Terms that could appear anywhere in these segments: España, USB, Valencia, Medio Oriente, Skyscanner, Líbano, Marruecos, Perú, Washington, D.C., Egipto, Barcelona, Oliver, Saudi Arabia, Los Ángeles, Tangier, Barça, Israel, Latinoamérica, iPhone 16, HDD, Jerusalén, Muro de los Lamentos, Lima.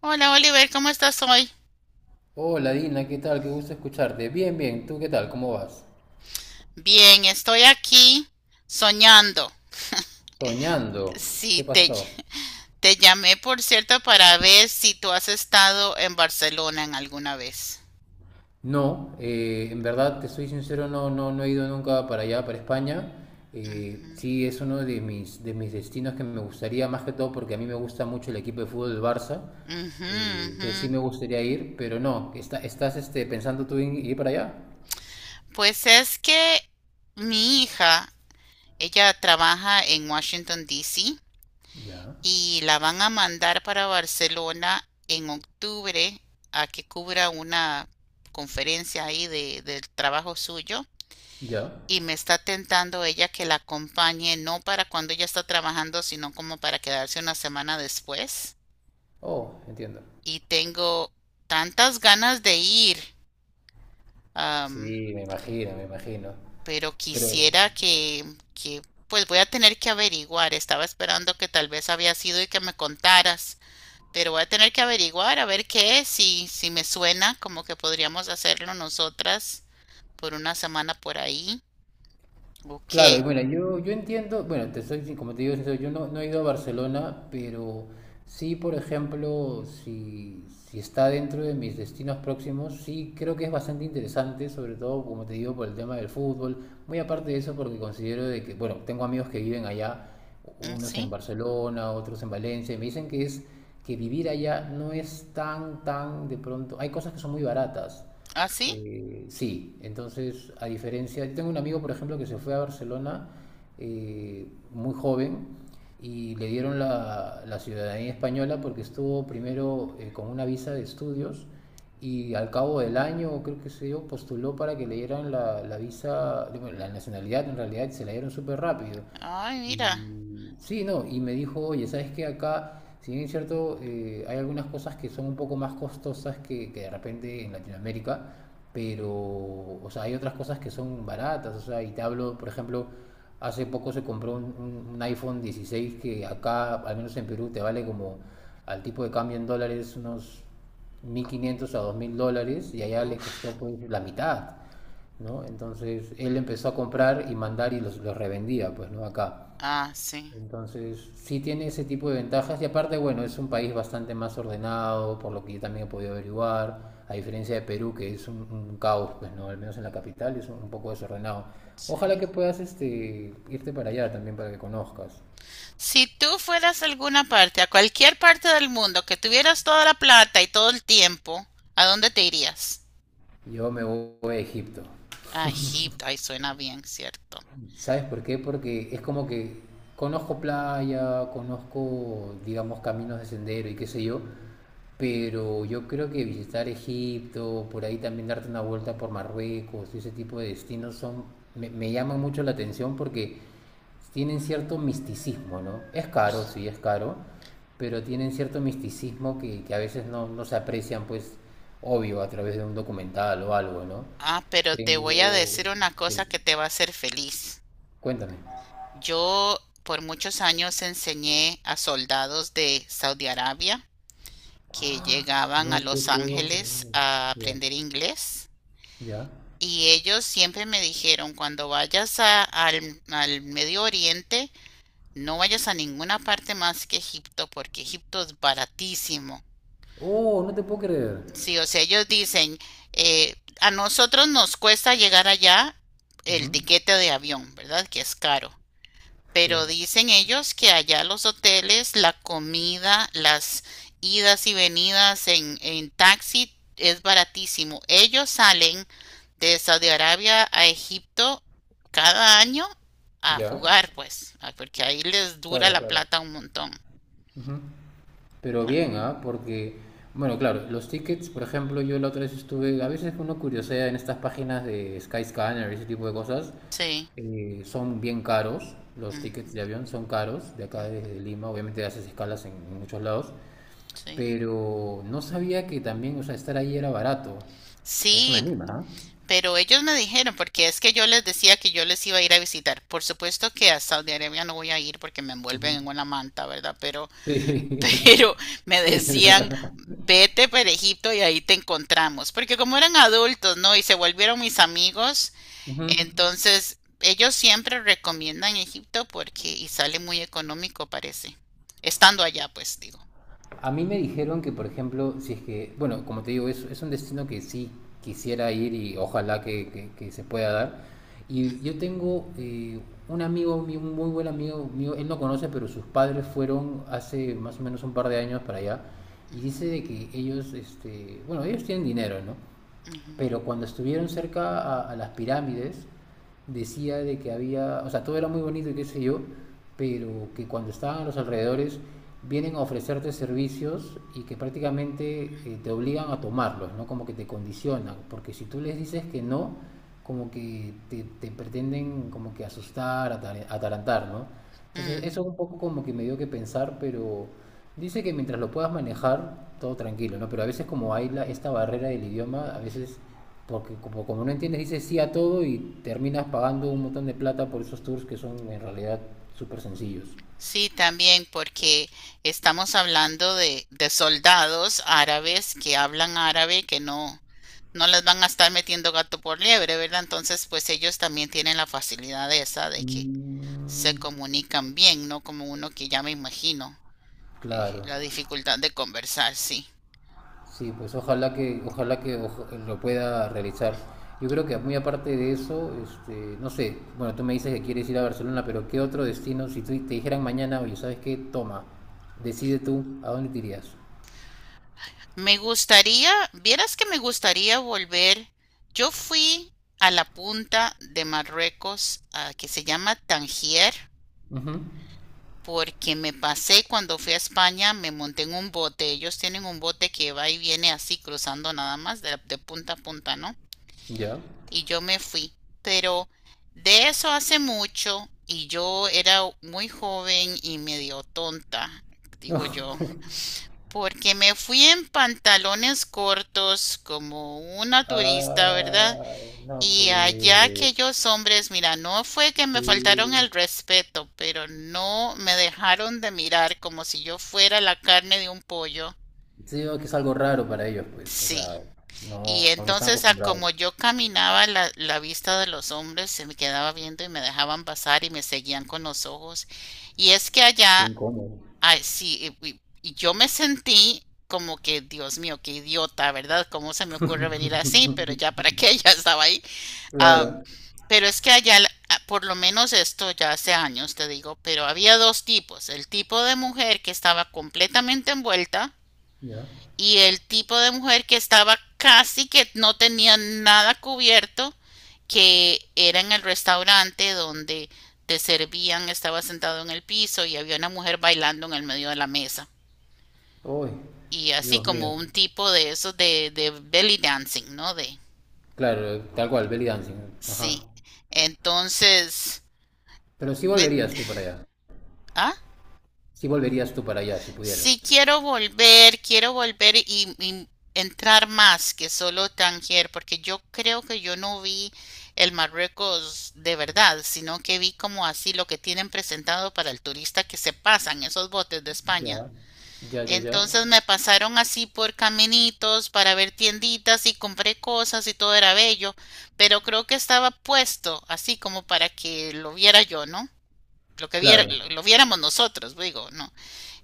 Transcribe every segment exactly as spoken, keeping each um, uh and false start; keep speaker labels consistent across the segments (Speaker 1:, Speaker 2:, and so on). Speaker 1: Hola Oliver, ¿cómo estás hoy?
Speaker 2: Hola Dina, ¿qué tal? Qué gusto escucharte. Bien, bien, ¿tú qué tal? ¿Cómo vas?
Speaker 1: Bien, estoy aquí soñando.
Speaker 2: Soñando. ¿Qué
Speaker 1: Sí, te,
Speaker 2: pasó?
Speaker 1: te llamé por cierto para ver si tú has estado en Barcelona en alguna vez.
Speaker 2: No, eh, en verdad, te soy sincero, no, no, no he ido nunca para allá, para España.
Speaker 1: Ujú,
Speaker 2: Eh, sí, es uno de mis, de mis destinos que me gustaría, más que todo porque a mí me gusta mucho el equipo de fútbol del Barça.
Speaker 1: ujú,
Speaker 2: Eh, entonces sí
Speaker 1: ujú.
Speaker 2: me gustaría ir, pero no, está- ¿estás este, pensando tú en ir para allá?
Speaker 1: Pues es que mi hija, ella trabaja en Washington, D C,
Speaker 2: Ya,
Speaker 1: y la van a mandar para Barcelona en octubre a que cubra una conferencia ahí de, del trabajo suyo.
Speaker 2: ya.
Speaker 1: Y me está tentando ella que la acompañe, no para cuando ella está trabajando, sino como para quedarse una semana después.
Speaker 2: Oh, entiendo.
Speaker 1: Y tengo tantas ganas de ir,
Speaker 2: Sí,
Speaker 1: am,
Speaker 2: me imagino, me imagino.
Speaker 1: pero
Speaker 2: Pero,
Speaker 1: quisiera que, que, pues voy a tener que averiguar. Estaba esperando que tal vez había sido y que me contaras, pero voy a tener que averiguar a ver qué es, si, si me suena como que podríamos hacerlo nosotras por una semana por ahí. Ok.
Speaker 2: claro, y bueno, yo, yo entiendo, bueno, te soy, sin- como te digo, sincero, yo no, no he ido a Barcelona, pero sí, por ejemplo, si, si está dentro de mis destinos próximos, sí creo que es bastante interesante, sobre todo, como te digo, por el tema del fútbol. Muy aparte de eso, porque considero de que, bueno, tengo amigos que viven allá,
Speaker 1: Mm,
Speaker 2: unos en
Speaker 1: sí,
Speaker 2: Barcelona, otros en Valencia, y me dicen que es que vivir allá no es tan, tan de pronto, hay cosas que son muy baratas.
Speaker 1: así.
Speaker 2: Eh, sí, entonces, a diferencia, yo tengo un amigo, por ejemplo, que se fue a Barcelona eh, muy joven y le dieron la, la ciudadanía española porque estuvo primero eh, con una visa de estudios y al cabo del año, creo que se dio, postuló para que le dieran la, la visa, bueno, la nacionalidad en realidad, y se la dieron súper rápido.
Speaker 1: Ay, mira.
Speaker 2: Y sí, no, y me dijo, oye, ¿sabes qué? Acá, si bien es cierto, eh, hay algunas cosas que son un poco más costosas que, que de repente en Latinoamérica, pero, o sea, hay otras cosas que son baratas, o sea, y te hablo, por ejemplo, hace poco se compró un, un- un iPhone dieciséis que acá, al menos en Perú, te vale como al tipo de cambio en dólares unos mil quinientos a dos mil dólares y allá le costó
Speaker 1: Uf.
Speaker 2: pues la mitad, ¿no? Entonces él empezó a comprar y mandar y los, los revendía, pues, ¿no? Acá.
Speaker 1: Ah, sí,
Speaker 2: Entonces, sí tiene ese tipo de ventajas y aparte, bueno, es un país bastante más ordenado, por lo que yo también he podido averiguar, a diferencia de Perú, que es un, un caos, pues no, al menos en la capital es un, un poco desordenado. Ojalá
Speaker 1: sí.
Speaker 2: que puedas este, irte para allá también para que conozcas.
Speaker 1: Si tú fueras a alguna parte, a cualquier parte del mundo, que tuvieras toda la plata y todo el tiempo, ¿a dónde te irías?
Speaker 2: Yo me voy a Egipto.
Speaker 1: A Egipto, ahí suena bien, ¿cierto?
Speaker 2: ¿Sabes por qué? Porque es como que conozco playa, conozco, digamos, caminos de sendero y qué sé yo, pero yo creo que visitar Egipto, por ahí también darte una vuelta por Marruecos y ese tipo de destinos son, me, me llaman mucho la atención porque tienen cierto misticismo, ¿no? Es caro, sí, es caro, pero tienen cierto misticismo que, que a veces no, no se aprecian, pues, obvio, a través de un documental o algo, ¿no?
Speaker 1: Ah, pero te voy a
Speaker 2: Tengo...
Speaker 1: decir una cosa
Speaker 2: Sí,
Speaker 1: que te va a hacer feliz.
Speaker 2: cuéntame.
Speaker 1: Yo por muchos años enseñé a soldados de Saudi Arabia que llegaban a
Speaker 2: No te
Speaker 1: Los
Speaker 2: puedo
Speaker 1: Ángeles
Speaker 2: creer.
Speaker 1: a
Speaker 2: Ya.
Speaker 1: aprender inglés,
Speaker 2: ¿Ya?
Speaker 1: y ellos siempre me dijeron, cuando vayas a- al, al Medio Oriente, no vayas a ninguna parte más que Egipto porque Egipto es baratísimo.
Speaker 2: Oh, no te puedo creer.
Speaker 1: Sí, o sea, ellos dicen, eh, a nosotros nos cuesta llegar allá, el
Speaker 2: Ujú.
Speaker 1: tiquete de avión, ¿verdad? Que es caro.
Speaker 2: Sí.
Speaker 1: Pero dicen ellos que allá los hoteles, la comida, las idas y venidas en, en taxi es baratísimo. Ellos salen de Saudi Arabia a Egipto cada año a
Speaker 2: ¿Ya?
Speaker 1: jugar, pues, ah, porque ahí les dura
Speaker 2: Claro,
Speaker 1: la
Speaker 2: claro.
Speaker 1: plata un montón.
Speaker 2: Ujú. Pero
Speaker 1: Ah,
Speaker 2: bien, ¿ah? Porque, bueno, claro, los tickets, por ejemplo, yo la otra vez estuve, a veces uno curiosea en estas páginas de Skyscanner y ese tipo de cosas,
Speaker 1: sí,
Speaker 2: eh, son bien caros, los tickets de
Speaker 1: ujú,
Speaker 2: avión son caros, de acá
Speaker 1: mm,
Speaker 2: desde Lima, obviamente haces escalas en, en muchos lados,
Speaker 1: sí.
Speaker 2: pero no sabía que también, o sea, estar ahí era barato. Eso me
Speaker 1: Sí,
Speaker 2: anima, ¿ah?
Speaker 1: pero ellos me dijeron, porque es que yo les decía que yo les iba a ir a visitar. Por supuesto que a Saudi Arabia no voy a ir porque me envuelven
Speaker 2: Ujú.
Speaker 1: en una manta, ¿verdad? Pero,
Speaker 2: Sí,
Speaker 1: pero me
Speaker 2: sí, es
Speaker 1: decían,
Speaker 2: verdad.
Speaker 1: vete para Egipto y ahí te encontramos. Porque como eran adultos, ¿no? Y se volvieron mis amigos,
Speaker 2: Ujú.
Speaker 1: entonces ellos siempre recomiendan Egipto porque y sale muy económico, parece. Estando allá, pues digo.
Speaker 2: A mí me dijeron que, por ejemplo, si es que, bueno, como te digo, es, es un destino que sí quisiera ir y ojalá que, que- que se pueda dar. Y
Speaker 1: Ujú,
Speaker 2: yo tengo eh, un amigo, mío, un muy buen amigo mío, él no conoce, pero sus padres fueron hace más o menos un par de años para allá. Y
Speaker 1: ujú,
Speaker 2: dice de que ellos, este, bueno, ellos tienen dinero, ¿no?
Speaker 1: ujú,
Speaker 2: Pero cuando estuvieron cerca a, a las pirámides, decía de que había, o sea, todo era muy bonito y qué sé yo, pero que cuando estaban a los alrededores vienen a ofrecerte servicios y que prácticamente eh, te obligan a tomarlos, ¿no? Como que te condicionan, porque si tú les dices que no, como que te, te pretenden como que asustar, atar- atarantar, ¿no?
Speaker 1: ujú.
Speaker 2: Entonces eso un poco como que me dio que pensar, pero dice que mientras lo puedas manejar, todo tranquilo, ¿no? Pero a veces como hay la- esta barrera del idioma, a veces, porque como, como no entiendes, dices sí a todo y terminas pagando un montón de plata por esos tours que son en realidad súper sencillos.
Speaker 1: Sí, también porque estamos hablando de, de soldados árabes que hablan árabe, que no, no les van a estar metiendo gato por liebre, ¿verdad? Entonces, pues ellos también tienen la facilidad esa de que se
Speaker 2: Mm,
Speaker 1: comunican bien, ¿no? Como uno que ya me imagino, eh,
Speaker 2: claro,
Speaker 1: la dificultad de conversar, sí.
Speaker 2: sí, pues ojalá que, ojalá que oja- lo pueda realizar. Yo creo que muy aparte de eso, este, no sé, bueno, tú me dices que quieres ir a Barcelona, pero ¿qué otro destino? Si tú- te dijeran mañana, oye, ¿sabes qué? Toma, decide tú, ¿a dónde te irías?
Speaker 1: Me gustaría, vieras que me gustaría volver. Yo fui a la punta de Marruecos, ah, que se llama Tangier,
Speaker 2: Ujú.
Speaker 1: porque me pasé cuando fui a España, me monté en un bote. Ellos tienen un bote que va y viene así cruzando nada más de, de punta a punta, ¿no?
Speaker 2: Ya.
Speaker 1: Y yo me fui. Pero de eso hace mucho y yo era muy joven y medio tonta,
Speaker 2: No.
Speaker 1: digo yo, porque me fui en pantalones cortos como una turista, ¿verdad?
Speaker 2: Ah, no,
Speaker 1: Y allá
Speaker 2: pues
Speaker 1: aquellos hombres, mira, no fue que me faltaron
Speaker 2: sí.
Speaker 1: el respeto, pero no me dejaron de mirar como si yo fuera la carne de un pollo.
Speaker 2: Sí, veo que es algo raro para ellos, pues. O
Speaker 1: Sí.
Speaker 2: sea,
Speaker 1: Y
Speaker 2: no, no están
Speaker 1: entonces, a
Speaker 2: acostumbrados.
Speaker 1: como yo caminaba, la, la vista de los hombres se me quedaba viendo y me dejaban pasar y me seguían con los ojos. Y es que
Speaker 2: Qué
Speaker 1: allá,
Speaker 2: incómodo.
Speaker 1: ay, sí, y, y- y yo me sentí como que, Dios mío, qué idiota, ¿verdad? ¿Cómo se me ocurre venir así? Pero ya para qué, ya estaba ahí. Am,
Speaker 2: Claro.
Speaker 1: pero es que allá, por lo menos esto ya hace años, te digo, pero había dos tipos, el tipo de mujer que estaba completamente envuelta
Speaker 2: Ya.
Speaker 1: y el tipo de mujer que estaba casi que no tenía nada cubierto, que era en el restaurante donde te servían, estaba sentado en el piso y había una mujer bailando en el medio de la mesa.
Speaker 2: Uy,
Speaker 1: Y así
Speaker 2: Dios mío.
Speaker 1: como un tipo de esos de, de belly dancing, ¿no? De,
Speaker 2: Claro, tal cual, belly dancing. Ajá.
Speaker 1: sí. Entonces,
Speaker 2: Pero sí
Speaker 1: eh,
Speaker 2: volverías tú para allá.
Speaker 1: ¿ah?
Speaker 2: Sí volverías tú para allá si pudieras.
Speaker 1: Sí quiero volver, quiero volver y, y entrar más que solo Tangier, porque yo creo que yo no vi el Marruecos de verdad, sino que vi como así lo que tienen presentado para el turista que se pasan esos botes de España.
Speaker 2: Ya. Ya, ya, ya.
Speaker 1: Entonces me pasaron así por caminitos para ver tienditas y compré cosas y todo era bello, pero creo que estaba puesto así como para que lo viera yo, ¿no? Lo que viera,
Speaker 2: Claro.
Speaker 1: lo, lo viéramos nosotros, digo, ¿no?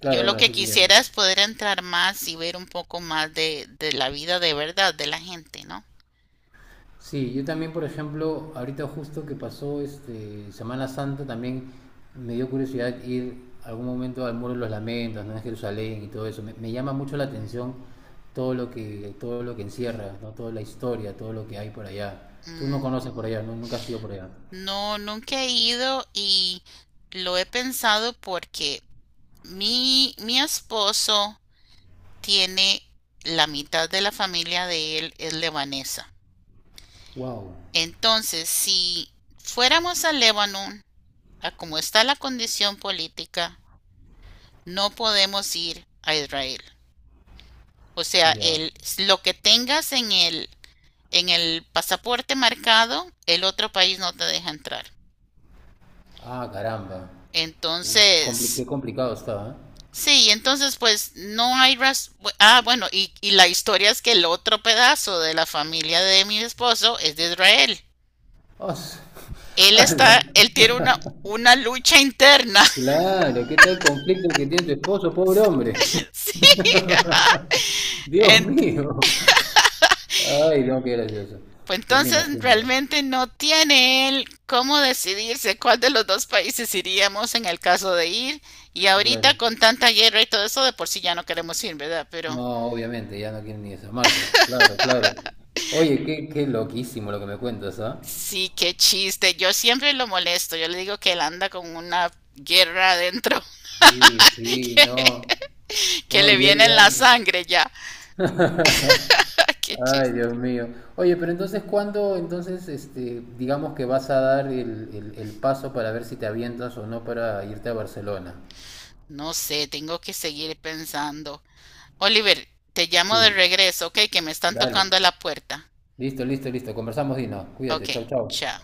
Speaker 1: Yo lo
Speaker 2: bueno, sí
Speaker 1: que
Speaker 2: te entiendo.
Speaker 1: quisiera es poder entrar más y ver un poco más de, de la vida de verdad de la gente, ¿no?
Speaker 2: Sí, yo también, por ejemplo, ahorita justo que pasó este Semana Santa, también me dio curiosidad ir algún momento al Muro de los Lamentos, ¿no? En Jerusalén y todo eso. Me, me llama mucho la atención todo lo que, todo lo que encierra, ¿no? Toda la historia, todo lo que hay por allá. Tú no conoces por
Speaker 1: Ujú.
Speaker 2: allá, ¿no? Nunca has ido por allá.
Speaker 1: No, nunca he ido y lo he pensado porque mi, mi esposo tiene la mitad de la familia de él es lebanesa.
Speaker 2: Wow.
Speaker 1: Entonces, si fuéramos a Líbano, a como está la condición política, no podemos ir a Israel. O sea,
Speaker 2: Ya.
Speaker 1: el, lo que tengas en el, en el pasaporte marcado, el otro país no te deja entrar.
Speaker 2: Ah, caramba. Uy, compli-
Speaker 1: Entonces,
Speaker 2: qué complicado está, ¿eh?
Speaker 1: sí, entonces pues no hay ras- Ah, bueno, y, y la historia es que el otro pedazo de la familia de mi esposo es de Israel.
Speaker 2: Os-
Speaker 1: Él
Speaker 2: ala.
Speaker 1: está, él tiene una, una lucha interna.
Speaker 2: Claro, ¿qué tal el conflicto que tiene tu esposo, pobre hombre?
Speaker 1: Sí.
Speaker 2: Dios
Speaker 1: Entonces,
Speaker 2: mío. Ay, no, qué gracioso.
Speaker 1: pues
Speaker 2: Ya me
Speaker 1: entonces
Speaker 2: imagino, ¿no?
Speaker 1: realmente no tiene él cómo decidirse cuál de los dos países iríamos en el caso de ir. Y ahorita
Speaker 2: Claro.
Speaker 1: con tanta guerra y todo eso, de por sí ya no queremos ir, ¿verdad? Pero
Speaker 2: No, obviamente, ya no quieren ni asomarse. Claro, claro. Oye, qué, qué loquísimo lo que me cuentas, ¿ah?
Speaker 1: sí, qué chiste. Yo siempre lo molesto. Yo le digo que él anda con una guerra adentro,
Speaker 2: Sí, sí,
Speaker 1: que,
Speaker 2: no.
Speaker 1: que
Speaker 2: No,
Speaker 1: le
Speaker 2: y él
Speaker 1: viene en
Speaker 2: ya.
Speaker 1: la sangre ya. Qué
Speaker 2: Ay,
Speaker 1: chiste.
Speaker 2: Dios mío. Oye, pero entonces, ¿cuándo, entonces, este, digamos que vas a dar el, el, el paso para ver si te avientas o no para irte a Barcelona?
Speaker 1: No sé, tengo que seguir pensando. Oliver, te llamo de
Speaker 2: Sí,
Speaker 1: regreso, ¿ok? Que me están
Speaker 2: dale.
Speaker 1: tocando a la puerta.
Speaker 2: Listo, listo, listo. Conversamos, Dino.
Speaker 1: Ok,
Speaker 2: Cuídate. Chau, chau.
Speaker 1: chao.